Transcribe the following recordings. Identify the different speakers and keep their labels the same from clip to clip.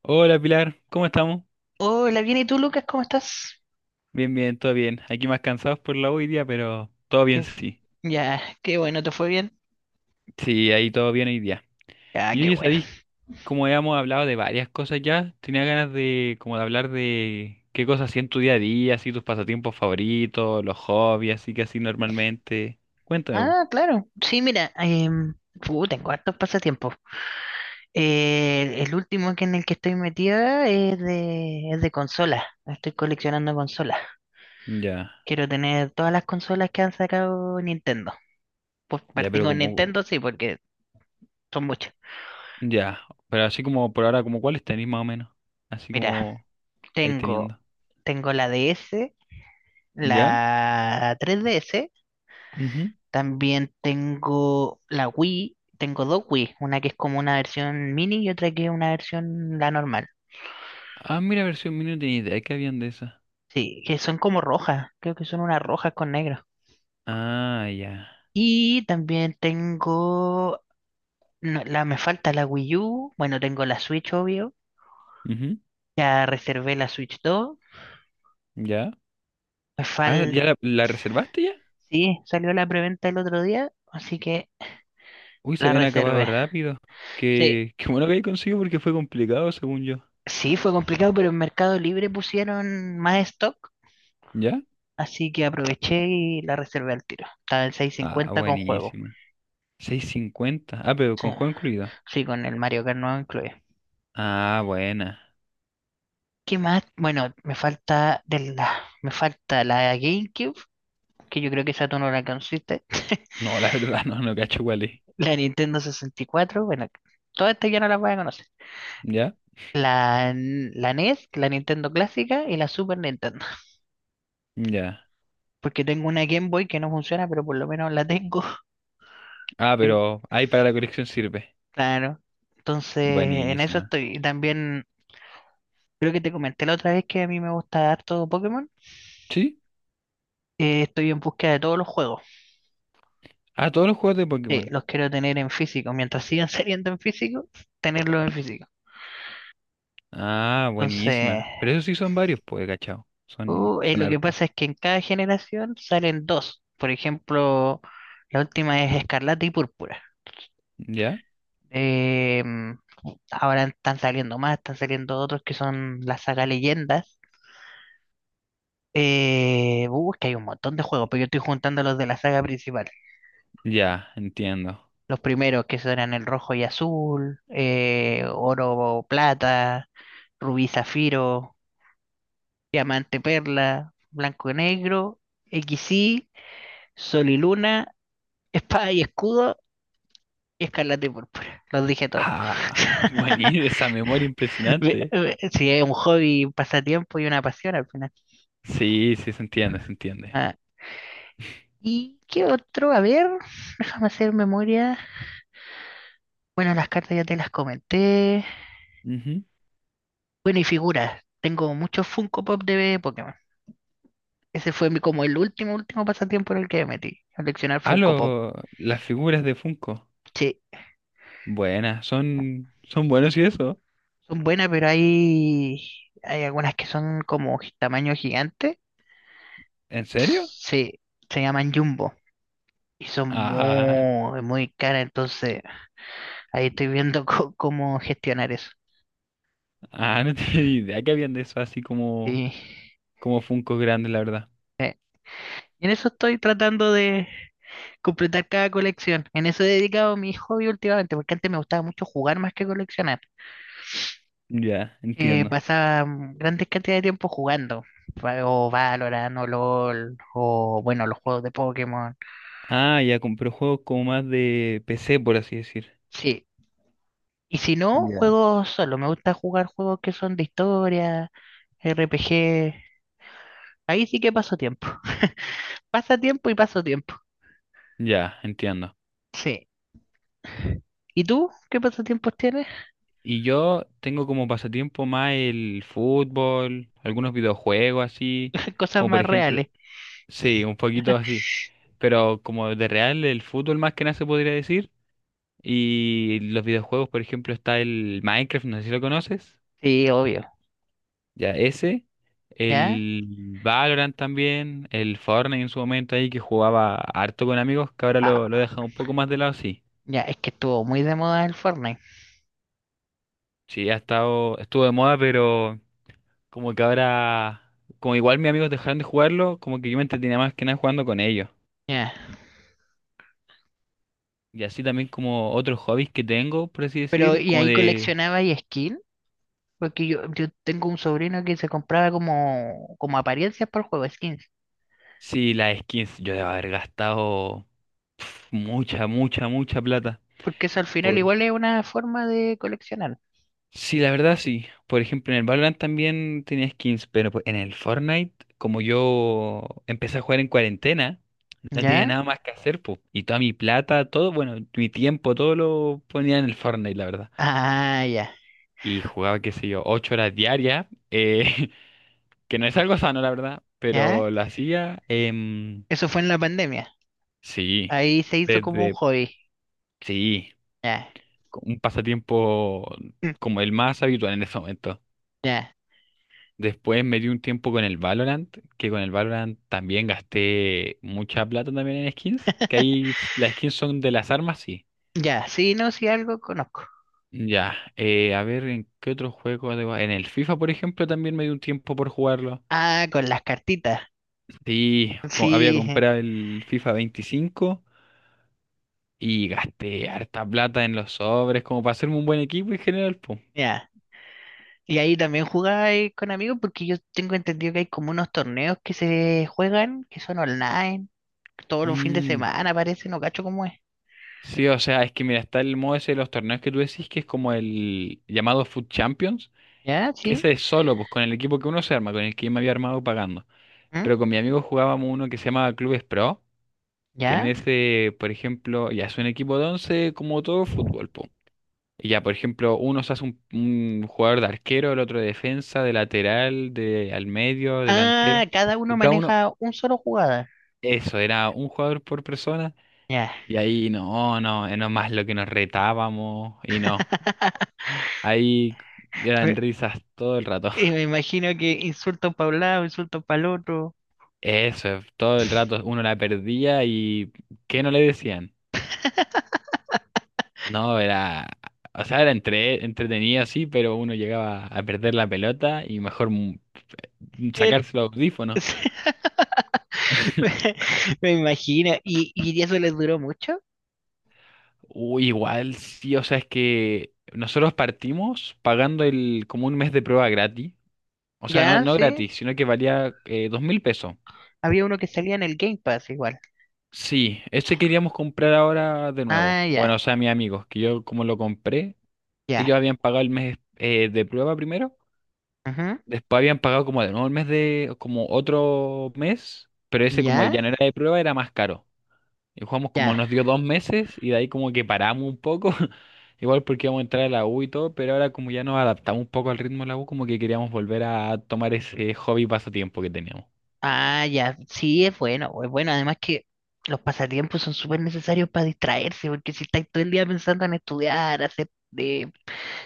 Speaker 1: Hola Pilar, ¿cómo estamos?
Speaker 2: Hola, bien, ¿y tú, Lucas? ¿Cómo estás?
Speaker 1: Bien, bien, todo bien. Aquí más cansados por la U hoy día, pero todo bien,
Speaker 2: Qué-
Speaker 1: sí.
Speaker 2: Ya, qué bueno, ¿te fue bien?
Speaker 1: Sí, ahí todo bien hoy día.
Speaker 2: Ya,
Speaker 1: Y
Speaker 2: qué
Speaker 1: yo ya
Speaker 2: bueno.
Speaker 1: sabéis, como habíamos hablado de varias cosas ya, tenía ganas de como de hablar de qué cosas hacían en tu día a día, así tus pasatiempos favoritos, los hobbies, así que así normalmente. Cuéntame, po.
Speaker 2: Ah, claro. Sí, mira, tengo hartos pasatiempos. El último que en el que estoy metida es de consolas. Estoy coleccionando consolas.
Speaker 1: Ya,
Speaker 2: Quiero tener todas las consolas que han sacado Nintendo. Pues
Speaker 1: ya,
Speaker 2: partí
Speaker 1: pero
Speaker 2: con
Speaker 1: como,
Speaker 2: Nintendo, sí, porque son muchas.
Speaker 1: ya, pero así como por ahora, como cuáles tenéis más o menos, así
Speaker 2: Mira,
Speaker 1: como vais
Speaker 2: tengo,
Speaker 1: teniendo.
Speaker 2: tengo la DS,
Speaker 1: ¿Ya?
Speaker 2: la 3DS.
Speaker 1: Ujú.
Speaker 2: También tengo la Wii, tengo dos Wii, una que es como una versión mini y otra que es una versión la normal.
Speaker 1: Ah, mira, versión mini no tenía idea que habían de esas.
Speaker 2: Sí, que son como rojas, creo que son unas rojas con negro.
Speaker 1: Ah, ya.
Speaker 2: Y también tengo, no, me falta la Wii U, bueno, tengo la Switch, obvio,
Speaker 1: Ujú,
Speaker 2: ya reservé la Switch 2
Speaker 1: ya.
Speaker 2: me
Speaker 1: Ah,
Speaker 2: falta,
Speaker 1: ¿ya la reservaste ya?
Speaker 2: sí, salió la preventa el otro día, así que
Speaker 1: Uy, se
Speaker 2: la
Speaker 1: habían acabado
Speaker 2: reservé.
Speaker 1: rápido.
Speaker 2: Sí,
Speaker 1: Qué bueno que ahí conseguido porque fue complicado, según yo.
Speaker 2: sí, fue complicado, pero en Mercado Libre pusieron más stock.
Speaker 1: ¿Ya?
Speaker 2: Así que aproveché y la reservé al tiro. Estaba en seiscientos
Speaker 1: Ah,
Speaker 2: cincuenta con juego. O
Speaker 1: buenísima. Seis cincuenta. Ah, pero con
Speaker 2: sea,
Speaker 1: juego incluido.
Speaker 2: sí, con el Mario Kart nuevo incluye.
Speaker 1: Ah, buena.
Speaker 2: ¿Qué más? Bueno, me falta la GameCube, que yo creo que esa tú no la conociste.
Speaker 1: No, la verdad, no, no cacho cuál es.
Speaker 2: La Nintendo 64 bueno, todas estas ya no las voy a conocer.
Speaker 1: ¿Ya?
Speaker 2: La NES, la Nintendo clásica y la Super Nintendo.
Speaker 1: Ya.
Speaker 2: Porque tengo una Game Boy que no funciona, pero por lo menos la tengo.
Speaker 1: Ah, pero ahí para la colección sirve.
Speaker 2: Claro. Entonces, en eso
Speaker 1: Buenísima.
Speaker 2: estoy. Y también. Creo que te comenté la otra vez que a mí me gusta harto Pokémon.
Speaker 1: ¿Sí?
Speaker 2: Estoy en búsqueda de todos los juegos.
Speaker 1: Ah, todos los juegos de Pokémon.
Speaker 2: Los quiero tener en físico. Mientras sigan saliendo en físico, tenerlos en físico.
Speaker 1: Ah,
Speaker 2: Entonces,
Speaker 1: buenísima. Pero esos sí son varios, pues, cachao. Son, son
Speaker 2: lo que
Speaker 1: hartos.
Speaker 2: pasa es que en cada generación salen dos. Por ejemplo, la última es Escarlata y Púrpura.
Speaker 1: ¿Ya?
Speaker 2: Em, ahora están saliendo más, están saliendo otros que son la saga Leyendas. Es que hay un montón de juegos, pero yo estoy juntando los de la saga principal.
Speaker 1: Ya, entiendo.
Speaker 2: Los primeros que eran el rojo y azul, oro, plata, rubí, zafiro, diamante, perla, blanco y negro, equis y sol y luna, espada y escudo y escarlata y púrpura. Los dije todos.
Speaker 1: Ah, buenísimo, esa memoria impresionante.
Speaker 2: Sí, es un hobby, un pasatiempo y una pasión al final.
Speaker 1: Sí, sí, se entiende, se entiende.
Speaker 2: Ah, ¿y qué otro? A ver, déjame hacer memoria. Bueno, las cartas ya te las comenté.
Speaker 1: Ujú.
Speaker 2: Bueno, y figuras. Tengo muchos Funko Pop de Pokémon. Ese fue mi, como el último, último pasatiempo en el que me metí. Coleccionar
Speaker 1: Ah,
Speaker 2: Funko Pop.
Speaker 1: las figuras de Funko.
Speaker 2: Sí,
Speaker 1: Buenas, son buenos y eso.
Speaker 2: son buenas, pero hay algunas que son como tamaño gigante.
Speaker 1: ¿En serio?
Speaker 2: Sí, se llaman Jumbo. Y son
Speaker 1: Ah,
Speaker 2: muy, muy caras. Entonces, ahí estoy viendo cómo gestionar eso.
Speaker 1: ah, no tenía ni idea que habían de eso así como,
Speaker 2: Y,
Speaker 1: como Funko grandes, la verdad.
Speaker 2: y en eso estoy tratando de completar cada colección. En eso he dedicado mi hobby últimamente, porque antes me gustaba mucho jugar más que coleccionar.
Speaker 1: Ya, entiendo.
Speaker 2: Pasaba grandes cantidades de tiempo jugando, o Valorant, o LOL, o bueno, los juegos de Pokémon.
Speaker 1: Ah, ya compré juegos como más de PC, por así decir.
Speaker 2: Sí, y si no,
Speaker 1: Ya.
Speaker 2: juego solo, me gusta jugar juegos que son de historia, RPG, ahí sí que paso tiempo. Pasa tiempo y paso tiempo,
Speaker 1: Ya, entiendo.
Speaker 2: sí. ¿Y tú qué pasatiempos tienes?
Speaker 1: Y yo tengo como pasatiempo más el fútbol, algunos videojuegos así,
Speaker 2: Cosas
Speaker 1: como por
Speaker 2: más
Speaker 1: ejemplo,
Speaker 2: reales.
Speaker 1: sí, un poquito así, pero como de real el fútbol más que nada se podría decir. Y los videojuegos, por ejemplo, está el Minecraft, no sé si lo conoces,
Speaker 2: Sí, obvio,
Speaker 1: ya ese,
Speaker 2: ¿ya?
Speaker 1: el Valorant también, el Fortnite en su momento ahí que jugaba harto con amigos, que ahora lo he
Speaker 2: Ah,
Speaker 1: dejado un poco más de lado, sí.
Speaker 2: ya, es que estuvo muy de moda el Fortnite,
Speaker 1: Sí, ha estado, estuvo de moda, pero como que ahora, como igual mis amigos dejaron de jugarlo, como que yo me entretenía más que nada jugando con ellos.
Speaker 2: ya.
Speaker 1: Y así también como otros hobbies que tengo, por así
Speaker 2: Pero,
Speaker 1: decir,
Speaker 2: ¿y
Speaker 1: como
Speaker 2: ahí
Speaker 1: de,
Speaker 2: coleccionabas y skin? Porque yo tengo un sobrino que se compraba como apariencias para el juego, skins.
Speaker 1: sí, las skins, yo debo haber gastado pf, mucha, mucha, mucha plata.
Speaker 2: Porque eso al final
Speaker 1: Por...
Speaker 2: igual es una forma de coleccionar.
Speaker 1: Sí, la verdad sí. Por ejemplo, en el Valorant también tenía skins, pero pues, en el Fortnite, como yo empecé a jugar en cuarentena, no tenía
Speaker 2: ¿Ya?
Speaker 1: nada más que hacer, pues. Y toda mi plata, todo, bueno, mi tiempo, todo lo ponía en el Fortnite, la verdad.
Speaker 2: Ah, ya.
Speaker 1: Y jugaba, qué sé yo, 8 horas diarias, que no es algo sano, la verdad,
Speaker 2: ¿Ya?
Speaker 1: pero lo hacía,
Speaker 2: Eso fue en la pandemia.
Speaker 1: sí,
Speaker 2: Ahí se hizo como un
Speaker 1: desde,
Speaker 2: hobby.
Speaker 1: sí,
Speaker 2: Ya.
Speaker 1: un pasatiempo
Speaker 2: Mm.
Speaker 1: como el más habitual en ese momento.
Speaker 2: Ya.
Speaker 1: Después me di un tiempo con el Valorant, que con el Valorant también gasté mucha plata también en skins, que ahí las skins son de las armas, sí.
Speaker 2: Ya. Sí, no, sí, algo conozco.
Speaker 1: Ya, a ver, ¿en qué otro juego? En el FIFA, por ejemplo, también me di un tiempo por jugarlo.
Speaker 2: Ah, con las cartitas.
Speaker 1: Sí, había
Speaker 2: Sí,
Speaker 1: comprado el FIFA 25 y gasté harta plata en los sobres como para hacerme un buen equipo en general, po.
Speaker 2: ya. Y ahí también jugáis con amigos porque yo tengo entendido que hay como unos torneos que se juegan, que son online, todos los fines de
Speaker 1: Mm,
Speaker 2: semana, parece, no cacho cómo es.
Speaker 1: sí, o sea, es que mira, está el modo ese de los torneos que tú decís, que es como el llamado Food Champions,
Speaker 2: ¿Ya?
Speaker 1: que
Speaker 2: Sí.
Speaker 1: ese es solo, pues con el equipo que uno se arma, con el que yo me había armado pagando.
Speaker 2: ¿Mm?
Speaker 1: Pero con mi amigo jugábamos uno que se llamaba Clubes Pro, que en
Speaker 2: ¿Ya?
Speaker 1: ese, por ejemplo, ya es un equipo de 11 como todo fútbol, po. Y ya, por ejemplo, uno se hace un, jugador de arquero, el otro de defensa, de lateral, de al medio, delantero.
Speaker 2: Ah, cada uno
Speaker 1: Y cada uno,
Speaker 2: maneja un solo jugada.
Speaker 1: eso, era un jugador por persona.
Speaker 2: Ya.
Speaker 1: Y ahí no, no más lo que nos retábamos y no. Ahí
Speaker 2: Me,
Speaker 1: eran risas todo el rato.
Speaker 2: y me imagino que insulto para un lado, insulto para el otro.
Speaker 1: Eso, todo el rato uno la perdía y ¿qué no le decían? No, era, o sea, era entretenido, sí, pero uno llegaba a perder la pelota y mejor
Speaker 2: El-
Speaker 1: sacarse los audífonos.
Speaker 2: Me, me imagino. ¿Y eso les duró mucho?
Speaker 1: Uy, igual, sí, o sea, es que nosotros partimos pagando el, como un mes de prueba gratis. O sea, no,
Speaker 2: Ya,
Speaker 1: no
Speaker 2: sí.
Speaker 1: gratis, sino que valía 2000 pesos.
Speaker 2: Había uno que salía en el Game Pass igual.
Speaker 1: Sí, ese queríamos comprar ahora de nuevo.
Speaker 2: Ah,
Speaker 1: Bueno,
Speaker 2: ya,
Speaker 1: o sea, mis amigos, que yo como lo compré,
Speaker 2: ya.
Speaker 1: ellos habían pagado el mes de prueba primero,
Speaker 2: Ujú,
Speaker 1: después habían pagado como de nuevo el mes de, como otro mes, pero ese como
Speaker 2: ya,
Speaker 1: ya no era de prueba, era más caro. Y jugamos como
Speaker 2: ya.
Speaker 1: nos dio 2 meses y de ahí como que paramos un poco, igual porque íbamos a entrar a la U y todo, pero ahora como ya nos adaptamos un poco al ritmo de la U, como que queríamos volver a tomar ese hobby pasatiempo que teníamos.
Speaker 2: Ah, ya, sí, es bueno, es bueno. Además que los pasatiempos son súper necesarios para distraerse, porque si estáis todo el día pensando en estudiar, hacer eh,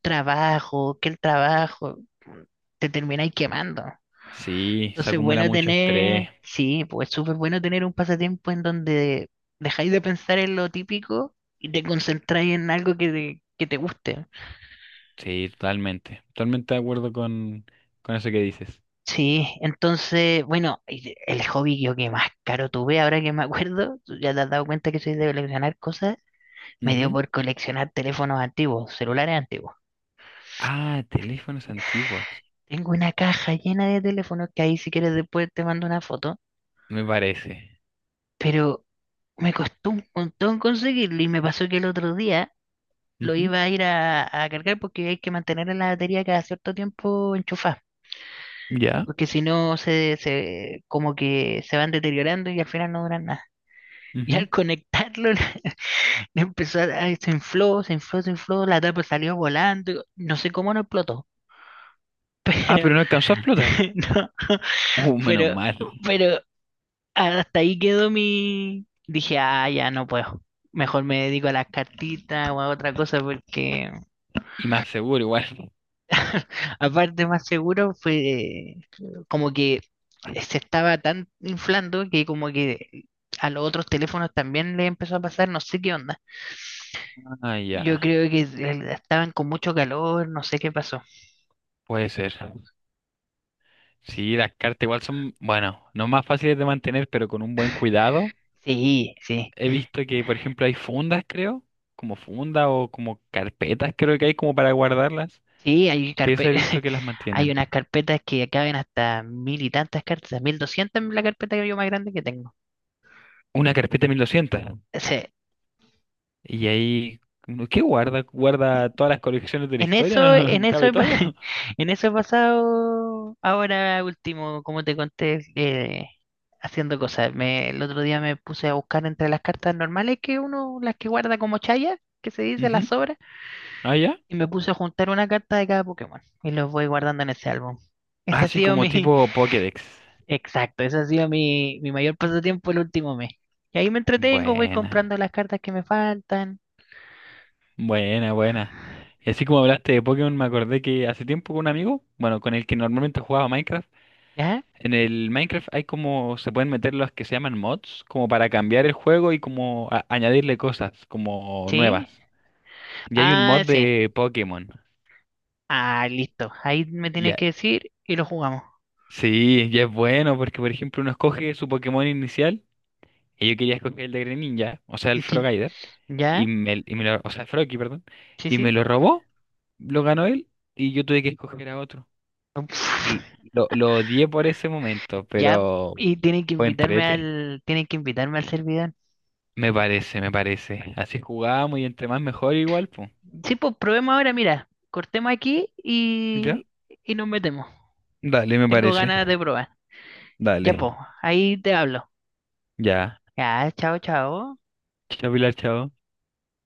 Speaker 2: trabajo, que el trabajo, mm, te termináis quemando.
Speaker 1: Sí, se
Speaker 2: Entonces,
Speaker 1: acumula mucho estrés,
Speaker 2: sí, pues súper bueno tener un pasatiempo en donde dejáis de pensar en lo típico y te concentráis en algo que te guste.
Speaker 1: sí, totalmente, totalmente de acuerdo con eso que dices.
Speaker 2: Sí, entonces, bueno, y el hobby yo que más caro tuve, ahora que me acuerdo, ya te has dado cuenta que soy de coleccionar cosas. Me dio
Speaker 1: Ujú.
Speaker 2: por coleccionar teléfonos antiguos, celulares antiguos.
Speaker 1: Ah, teléfonos antiguos,
Speaker 2: Tengo una caja llena de teléfonos que ahí si quieres después te mando una foto,
Speaker 1: me parece.
Speaker 2: pero me costó un montón conseguirlo y me pasó que el otro día lo
Speaker 1: Ujú.
Speaker 2: iba a ir a cargar porque hay que mantener la batería cada cierto tiempo enchufada,
Speaker 1: Ya.
Speaker 2: porque si no se como que se van deteriorando y al final no duran nada. Y
Speaker 1: Ujú.
Speaker 2: al conectarlo le empezó ay, se infló, se infló, se infló, la tapa salió volando, no sé cómo no explotó,
Speaker 1: Ah,
Speaker 2: pero
Speaker 1: pero no alcanzó a explotar.
Speaker 2: no.
Speaker 1: Menos
Speaker 2: Pero,
Speaker 1: mal.
Speaker 2: pero hasta ahí quedó mi... Dije, ah, ya no puedo. Mejor me dedico a las cartitas o a otra cosa porque
Speaker 1: Y más seguro igual.
Speaker 2: aparte más seguro fue como que se estaba tan inflando que como que a los otros teléfonos también le empezó a pasar, no sé qué onda.
Speaker 1: Ah,
Speaker 2: Yo
Speaker 1: ya,
Speaker 2: creo que estaban con mucho calor, no sé qué pasó.
Speaker 1: puede ser. Sí, las cartas igual son, bueno, no más fáciles de mantener, pero con un buen cuidado.
Speaker 2: Sí, sí,
Speaker 1: He visto que, por ejemplo, hay fundas, creo, como funda o como carpetas, creo que hay como para guardarlas,
Speaker 2: sí, hay
Speaker 1: que eso he visto que las
Speaker 2: hay
Speaker 1: mantienen.
Speaker 2: unas carpetas que caben hasta mil y tantas cartas, 1200 en la carpeta que yo más grande que tengo.
Speaker 1: Una carpeta 1200.
Speaker 2: Sí,
Speaker 1: Y ahí, uno, ¿qué guarda? ¿Guarda todas las colecciones de la historia?
Speaker 2: en
Speaker 1: ¿No
Speaker 2: eso
Speaker 1: cabe
Speaker 2: he, pa-
Speaker 1: todo?
Speaker 2: en eso he pasado ahora último, como te conté, haciendo cosas. El otro día me puse a buscar entre las cartas normales que uno, las que guarda como chaya, que se dice las
Speaker 1: Ujú.
Speaker 2: sobras,
Speaker 1: Ah, ya.
Speaker 2: y me puse a juntar una carta de cada Pokémon y los voy guardando en ese álbum. Ese ha
Speaker 1: Así
Speaker 2: sido
Speaker 1: como
Speaker 2: mi,
Speaker 1: tipo Pokédex.
Speaker 2: exacto, ese ha sido mi mayor pasatiempo el último mes. Y ahí me entretengo, voy
Speaker 1: Buena,
Speaker 2: comprando las cartas que me faltan,
Speaker 1: buena, buena. Y así como hablaste de Pokémon, me acordé que hace tiempo con un amigo, bueno, con el que normalmente jugaba Minecraft.
Speaker 2: ¿ya?
Speaker 1: En el Minecraft hay como, se pueden meter los que se llaman mods, como para cambiar el juego y como añadirle cosas como
Speaker 2: ¿Sí?
Speaker 1: nuevas. Y hay un mod
Speaker 2: Ah, sí.
Speaker 1: de Pokémon.
Speaker 2: Ah, listo. Ahí me
Speaker 1: Y
Speaker 2: tienes
Speaker 1: ya,
Speaker 2: que decir y lo jugamos.
Speaker 1: sí, ya es bueno porque, por ejemplo, uno escoge su Pokémon inicial y yo quería escoger el de Greninja, o sea, el Frogaider, y
Speaker 2: ¿Ya?
Speaker 1: me, y me lo, o sea, el Froakie, perdón,
Speaker 2: Sí,
Speaker 1: y me
Speaker 2: sí.
Speaker 1: lo robó, lo ganó él y yo tuve que escoger a otro.
Speaker 2: Uf,
Speaker 1: L- lo odié por ese momento,
Speaker 2: ya,
Speaker 1: pero
Speaker 2: y tienen que
Speaker 1: fue
Speaker 2: invitarme
Speaker 1: entrete.
Speaker 2: al, tienen que invitarme al servidor.
Speaker 1: Me parece, me parece. Así jugamos y entre más mejor igual, pues.
Speaker 2: Sí, pues probemos ahora, mira, cortemos aquí y,
Speaker 1: ¿Ya?
Speaker 2: y nos metemos.
Speaker 1: Dale, me
Speaker 2: Tengo
Speaker 1: parece.
Speaker 2: ganas de probar. Ya,
Speaker 1: Dale.
Speaker 2: pues, ahí te hablo.
Speaker 1: Ya.
Speaker 2: Ya, chao, chao.
Speaker 1: Chao, Pilar, chao.